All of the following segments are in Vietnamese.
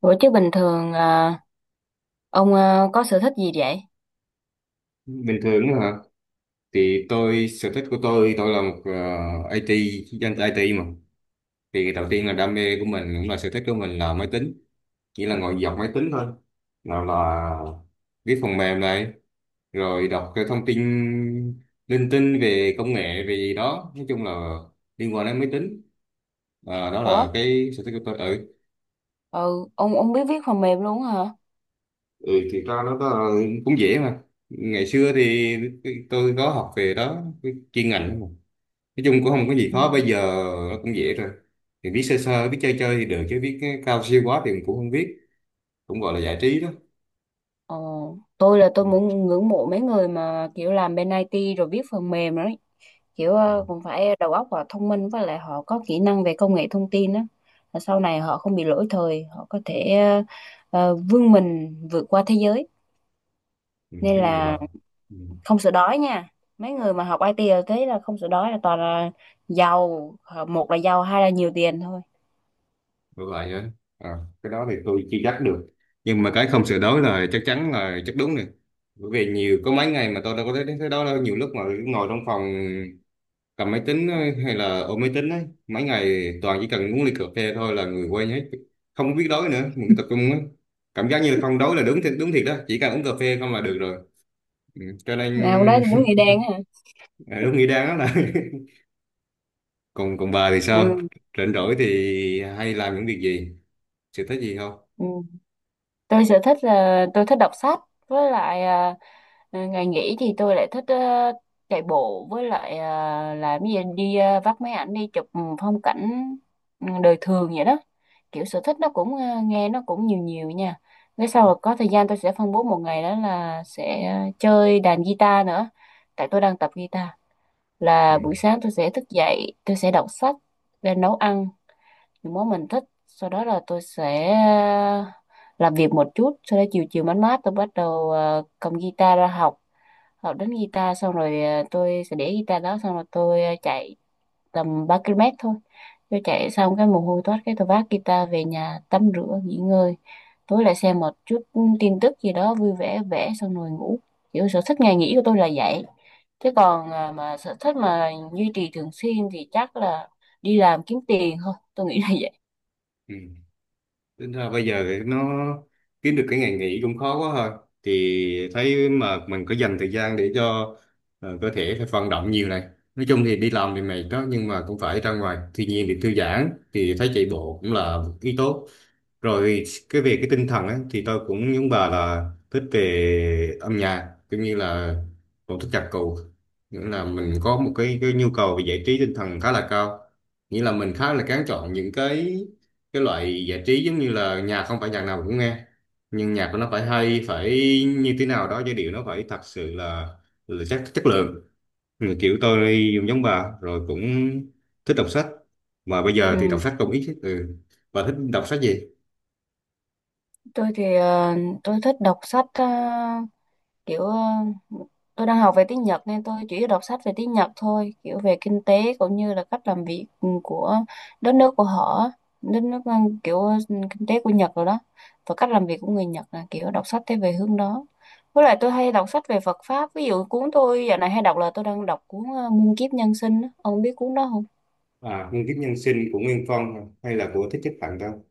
Ủa chứ bình thường ông có sở thích gì vậy? Bình thường đó hả? Thì tôi, sở thích của tôi là một IT, dân IT mà. Thì đầu tiên là đam mê của mình cũng là sở thích của mình là máy tính, chỉ là ngồi dọc máy tính thôi, nào là viết phần mềm này, rồi đọc cái thông tin linh tinh về công nghệ về gì đó, nói chung là liên quan đến máy tính. Đó Ủa, là cái sở thích của tôi, ừ. ừ, ông biết viết phần mềm luôn hả? Ừ thì ra nó có, cũng dễ mà. Ngày xưa thì tôi có học về đó, cái chuyên ngành đó mà. Nói chung cũng không có gì Ừ. khó, bây giờ nó cũng dễ rồi, thì biết sơ sơ biết chơi chơi thì được, chứ biết cái cao siêu quá thì mình cũng không biết, cũng gọi là giải trí đó. Ồ, tôi là tôi Ừ. muốn ngưỡng mộ mấy người mà kiểu làm bên IT rồi viết phần mềm đấy. Kiểu Ừ. Cũng phải đầu óc và thông minh với lại họ có kỹ năng về công nghệ thông tin đó. Là sau này họ không bị lỗi thời, họ có thể vươn mình vượt qua thế giới. Ừ. Nên Cái này là bật. Ừ. không sợ đói nha. Mấy người mà học IT là thế là không sợ đói là toàn là giàu, một là giàu, hai là nhiều tiền thôi. Được lại á. à, cái đó thì tôi chưa chắc được, nhưng mà cái không sửa đổi là chắc chắn, là chắc đúng rồi. Bởi vì nhiều có mấy ngày mà tôi đâu có thấy thấy đó đâu, nhiều lúc mà ngồi trong phòng cầm máy tính ấy, hay là ôm máy tính ấy mấy ngày, toàn chỉ cần uống ly cà phê thôi là người quên hết, không có biết đói nữa, mình cứ tập trung ấy. Cảm giác như là không đói là đúng thiệt đó, chỉ cần uống cà phê không là được rồi. Ừ, cho nên Nào đó thì đúng nghĩa đen á hả. ờ, đúng nghĩa đáng lắm là. còn còn bà thì sao? Ừ. Rảnh rỗi thì hay làm những việc gì, sở thích gì không? Ừ. Tôi sở thích là tôi thích đọc sách với lại ngày nghỉ thì tôi lại thích chạy bộ với lại làm cái gì đi vắt máy ảnh đi chụp phong cảnh, đời thường vậy đó. Kiểu sở thích nó cũng nghe nó cũng nhiều nhiều nha. Cái sau rồi có thời gian tôi sẽ phân bố một ngày đó là sẽ chơi đàn guitar nữa, tại tôi đang tập guitar. Ừ. Là buổi sáng tôi sẽ thức dậy tôi sẽ đọc sách và nấu ăn những món mình thích, sau đó là tôi sẽ làm việc một chút, sau đó chiều chiều mát mát tôi bắt đầu cầm guitar ra học. Học đến guitar xong rồi tôi sẽ để guitar đó xong rồi tôi chạy tầm 3 km thôi. Tôi chạy xong cái mồ hôi toát cái tôi vác guitar về nhà tắm rửa nghỉ ngơi, tối lại xem một chút tin tức gì đó vui vẻ vẽ xong rồi ngủ. Kiểu sở thích ngày nghỉ của tôi là vậy. Thế còn mà sở thích mà duy trì thường xuyên thì chắc là đi làm kiếm tiền thôi, tôi nghĩ là vậy. Ừ. Tính ra bây giờ thì nó kiếm được cái ngày nghỉ cũng khó quá thôi. Thì thấy mà mình có dành thời gian để cho cơ thể phải vận động nhiều này. Nói chung thì đi làm thì mệt đó, nhưng mà cũng phải ra ngoài thiên nhiên để thư giãn, thì thấy chạy bộ cũng là một ý tốt rồi. Cái về cái tinh thần á, thì tôi cũng giống bà là thích về âm nhạc, cũng như là cũng thích nhạc cụ. Nghĩa là mình có một cái nhu cầu về giải trí tinh thần khá là cao. Nghĩa là mình khá là kén chọn những cái loại giải trí, giống như là nhạc không phải nhạc nào cũng nghe, nhưng nhạc của nó phải hay, phải như thế nào đó, giai điệu nó phải thật sự là chất, chất lượng. Ừ, kiểu tôi giống bà rồi, cũng thích đọc sách, mà bây giờ thì đọc Ừ. sách cũng ít. Ừ. Bà thích đọc sách gì? Tôi thì tôi thích đọc sách kiểu tôi đang học về tiếng Nhật nên tôi chỉ đọc sách về tiếng Nhật thôi, kiểu về kinh tế cũng như là cách làm việc, của đất nước của họ. Đất nước kiểu kinh tế của Nhật rồi đó, và cách làm việc của người Nhật, là kiểu đọc sách thế về hướng đó. Với lại tôi hay đọc sách về Phật pháp, ví dụ cuốn tôi dạo này hay đọc là tôi đang đọc cuốn Muôn Kiếp Nhân Sinh á. Ông biết cuốn đó không? Nguyên kiếp nhân sinh của Nguyên Phong, hay là của Thích Nhất Hạnh đâu?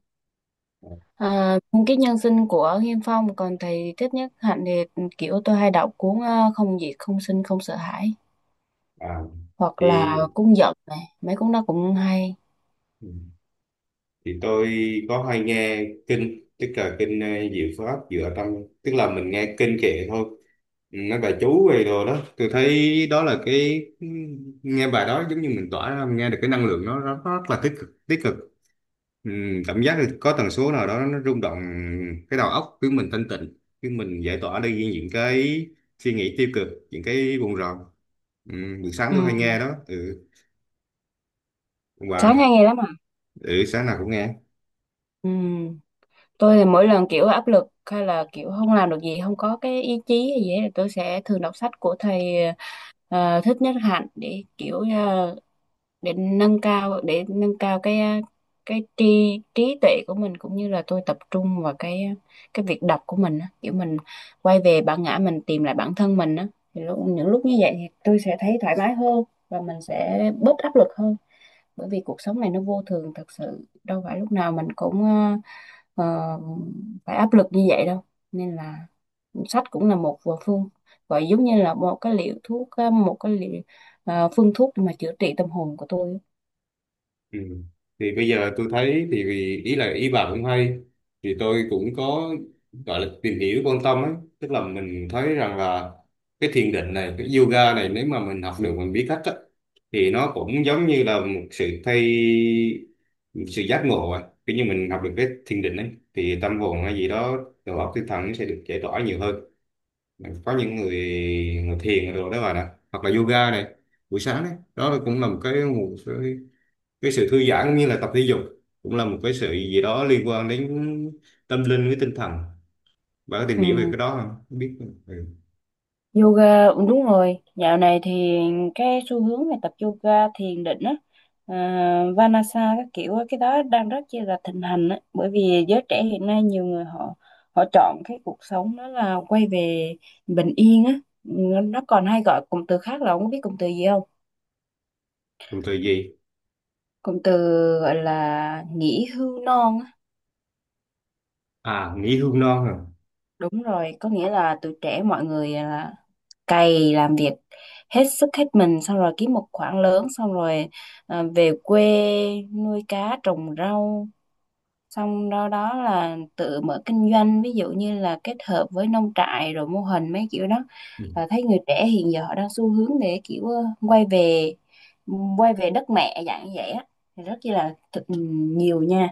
à, À, cái nhân sinh của Nghiêm Phong, còn thầy Thích Nhất Hạnh thì kiểu tôi hay đọc cuốn Không Diệt Không Sinh Không Sợ Hãi, à, hoặc thì là cuốn Giận này, mấy cuốn đó cũng hay. thì tôi có hay nghe kinh, tức là kinh Diệu Pháp Dựa Tâm, tức là mình nghe kinh kệ thôi. Ừ, nói bà chú về đồ đó, tôi thấy đó là cái nghe bài đó giống như mình tỏa ra, nghe được cái năng lượng nó rất là tích cực, tích cực. Ừ, cảm giác là có tần số nào đó nó rung động cái đầu óc, khiến mình thanh tịnh, khiến mình giải tỏa đi những cái suy nghĩ tiêu cực, những cái buồn rầu. Ừ, buổi sáng Ừ. tôi hay nghe đó. Ừ, còn Sáng bà? hay nghe lắm à? Ừ, sáng nào cũng nghe. Ừ. Tôi thì mỗi lần kiểu áp lực hay là kiểu không làm được gì, không có cái ý chí hay gì hết, thì tôi sẽ thường đọc sách của thầy Thích Nhất Hạnh để kiểu để nâng cao, cái cái trí trí tuệ của mình, cũng như là tôi tập trung vào cái cái việc đọc của mình á, kiểu mình quay về bản ngã mình, tìm lại bản thân mình á. Thì lúc, những lúc như vậy thì tôi sẽ thấy thoải mái hơn và mình sẽ bớt áp lực hơn, bởi vì cuộc sống này nó vô thường thật sự, đâu phải lúc nào mình cũng ờ, phải áp lực như vậy đâu. Nên là sách cũng là một phương, gọi giống như là một cái liệu thuốc, một cái liệu phương thuốc để mà chữa trị tâm hồn của tôi á. Ừ. Thì bây giờ tôi thấy thì ý là ý bà cũng hay, thì tôi cũng có gọi là tìm hiểu quan tâm ấy. Tức là mình thấy rằng là cái thiền định này, cái yoga này, nếu mà mình học được, mình biết cách á, thì nó cũng giống như là một sự giác ngộ. À, kiểu như mình học được cái thiền định ấy thì tâm hồn hay gì đó, đầu óc tinh thần nó sẽ được giải tỏa nhiều hơn. Có những người, người thiền rồi đó bà nè, hoặc là yoga này, buổi sáng đấy đó là cũng là một cái sự thư giãn, cũng như là tập thể dục, cũng là một cái sự gì đó liên quan đến tâm linh với tinh thần. Bạn có tìm Ừ, hiểu về cái đó không? Không biết. Ừ. yoga, đúng rồi, dạo này thì cái xu hướng về tập yoga thiền định á, Vanasa các kiểu á, cái đó đang rất chi là thịnh hành á, bởi vì giới trẻ hiện nay nhiều người họ, họ chọn cái cuộc sống đó là quay về bình yên á. Ừ, nó còn hay gọi cụm từ khác, là ông có biết cụm từ gì không? Còn thời gì? Cụm từ gọi là nghỉ hưu non á. À, nghỉ hưu non à? Đúng rồi, có nghĩa là tuổi trẻ mọi người là cày làm việc hết sức hết mình xong rồi kiếm một khoản lớn, xong rồi về quê nuôi cá trồng rau, xong đó đó là tự mở kinh doanh, ví dụ như là kết hợp với nông trại rồi mô hình mấy kiểu đó. Ừ. Là thấy người trẻ hiện giờ họ đang xu hướng để kiểu quay về, quay về đất mẹ dạng như vậy á. Thì rất là nhiều nha.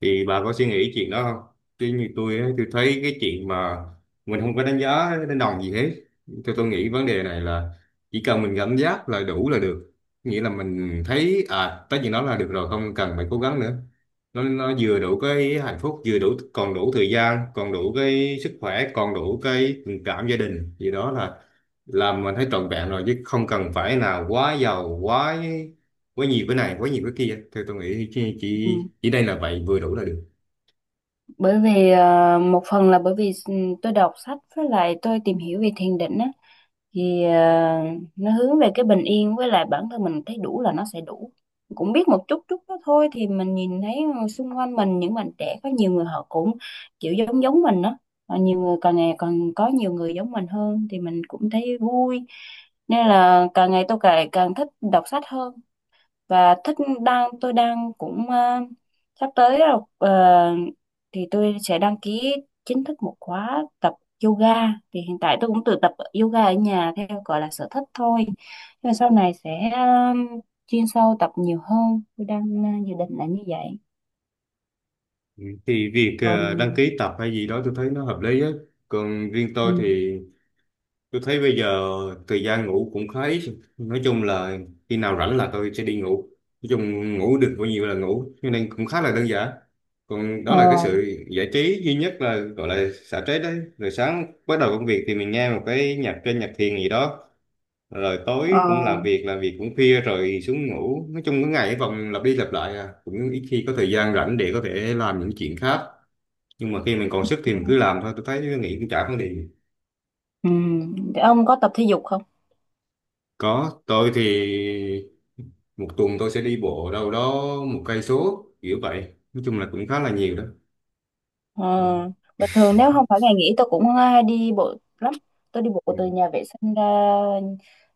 Thì bà có suy nghĩ chuyện đó không? Chứ như tôi ấy, tôi thấy cái chuyện mà mình không có đánh giá đánh đồng gì hết. Tôi nghĩ vấn đề này là chỉ cần mình cảm giác là đủ là được. Nghĩa là mình thấy à tới chuyện đó là được rồi, không cần phải cố gắng nữa. Nó vừa đủ cái hạnh phúc, vừa đủ, còn đủ thời gian, còn đủ cái sức khỏe, còn đủ cái tình cảm gia đình gì đó là làm mình thấy trọn vẹn rồi, chứ không cần phải là quá giàu, quá quá nhiều cái này, quá nhiều cái kia. Thì tôi nghĩ chỉ chỉ, Ừ, chỉ đây là vậy, vừa đủ là được. bởi vì một phần là bởi vì tôi đọc sách với lại tôi tìm hiểu về thiền định á, thì nó hướng về cái bình yên, với lại bản thân mình thấy đủ là nó sẽ đủ. Cũng biết một chút chút đó thôi, thì mình nhìn thấy xung quanh mình những bạn trẻ có nhiều người họ cũng kiểu giống giống mình đó, và nhiều người càng ngày còn có nhiều người giống mình hơn thì mình cũng thấy vui. Nên là càng ngày tôi càng càng thích đọc sách hơn và thích, tôi đang cũng sắp tới rồi, thì tôi sẽ đăng ký chính thức một khóa tập yoga. Thì hiện tại tôi cũng tự tập yoga ở nhà, theo gọi là sở thích thôi, nhưng mà sau này sẽ chuyên sâu tập nhiều hơn, tôi đang dự định là như vậy. Ừ, thì việc Còn. Đăng ký tập hay gì đó tôi thấy nó hợp lý á. Còn riêng Ừ. tôi thì tôi thấy bây giờ thời gian ngủ cũng khá ít, nói chung là khi nào rảnh là tôi sẽ đi ngủ, nói chung ngủ được bao nhiêu là ngủ, cho nên cũng khá là đơn giản. Còn đó ờ là cái sự giải trí duy nhất, là gọi là xả stress đấy, rồi sáng bắt đầu công việc thì mình nghe một cái nhạc trên, nhạc thiền gì đó, rồi ờ tối cũng làm việc, làm việc cũng khuya rồi xuống ngủ. Nói chung cái ngày cái vòng lặp đi lặp lại à, cũng ít khi có thời gian rảnh để có thể làm những chuyện khác, nhưng mà khi mình còn sức thì mình cứ làm thôi, tôi thấy nghĩ cũng chả vấn đề gì. ừ. Thì ông có tập thể dục không? Có, tôi thì một tuần tôi sẽ đi bộ đâu đó 1 cây số kiểu vậy, nói chung là cũng khá là nhiều đó. Ờ, Ừ. bình thường nếu không phải ngày nghỉ tôi cũng hay đi bộ lắm. Tôi đi Ừ. bộ từ nhà vệ sinh ra,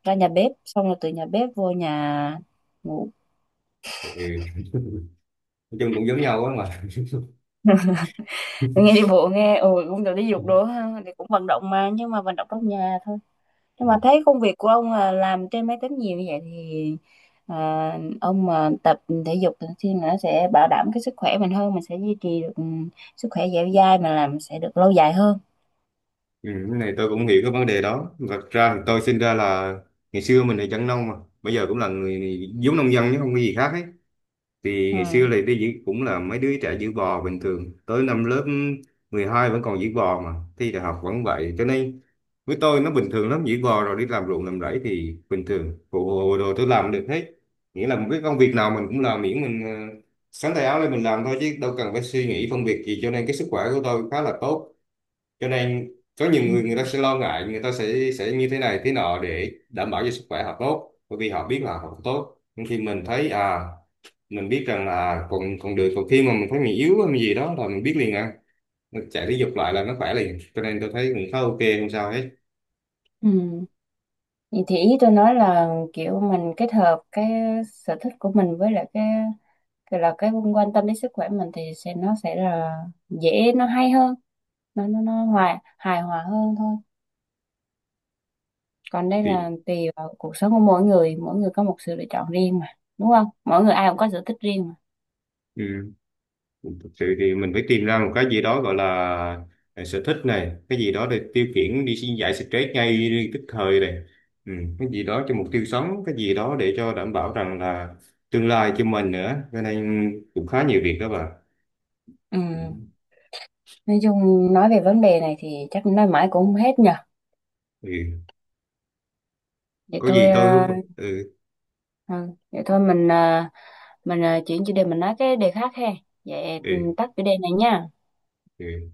ra nhà bếp, xong rồi từ nhà bếp vô nhà ngủ. nói chung cũng giống nhau á mà. Tôi nghe đi bộ nghe, ừ, cũng được đi dục đồ ha, thì cũng vận động mà, nhưng mà vận động trong nhà thôi. Nhưng Ừ. mà thấy công việc của ông là làm trên máy tính nhiều như vậy thì ông mà tập thể dục thường xuyên là nó sẽ bảo đảm cái sức khỏe mình hơn, mình sẽ duy trì được, sức khỏe dẻo dai mà làm sẽ được lâu dài hơn. Ừ, cái này tôi cũng hiểu cái vấn đề đó. Thật ra thì tôi sinh ra là, ngày xưa mình là dân nông mà, bây giờ cũng là người giống nông dân chứ không có gì khác ấy. Thì Ừ. ngày xưa là đi giữ cũng là mấy đứa trẻ giữ bò bình thường, tới năm lớp 12 vẫn còn giữ bò mà, thi đại học vẫn vậy. Cho nên với tôi nó bình thường lắm, giữ bò rồi đi làm ruộng làm rẫy thì bình thường, phụ đồ tôi làm được hết. Nghĩa là một cái công việc nào mình cũng làm, miễn mình xắn tay áo lên mình làm thôi, chứ đâu cần phải suy nghĩ phân biệt gì, cho nên cái sức khỏe của tôi khá là tốt. Cho nên có nhiều Ừ. người, người ta sẽ lo ngại, người ta sẽ như thế này thế nọ để đảm bảo cho sức khỏe họ tốt, bởi vì họ biết là họ tốt. Nhưng khi mình thấy à, mình biết rằng là còn còn được, còn khi mà mình thấy mình yếu hay gì đó là mình biết liền à, mình chạy thể dục lại là nó khỏe liền, cho nên tôi thấy cũng khá ok, không sao hết. Ừ. Vậy thì ý tôi nói là kiểu mình kết hợp cái sở thích của mình với lại cái là cái quan tâm đến sức khỏe mình thì sẽ, nó sẽ là dễ, nó hay hơn, nó hòa hài hòa hơn thôi. Còn đây là Thì tùy vào cuộc sống của mỗi người, mỗi người có một sự lựa chọn riêng mà, đúng không? Mỗi người ai cũng có sở thích riêng mà. ừ. Thực sự thì mình phải tìm ra một cái gì đó gọi là sở thích này, cái gì đó để tiêu khiển đi xin giải stress ngay tức thời này. Ừ, cái gì đó cho mục tiêu sống, cái gì đó để cho đảm bảo rằng là tương lai cho mình nữa, cho nên cũng khá nhiều việc đó bà. Ừ. Ừ. Nói chung, nói về vấn đề này thì chắc nói mãi cũng không hết nhờ. Ừ. Vậy Có thôi gì tôi ừ. ừ, vậy thôi mình mình chuyển chủ đề, mình nói cái đề khác ha. Vậy Ừ. Tắt chủ đề này nha. Ừ.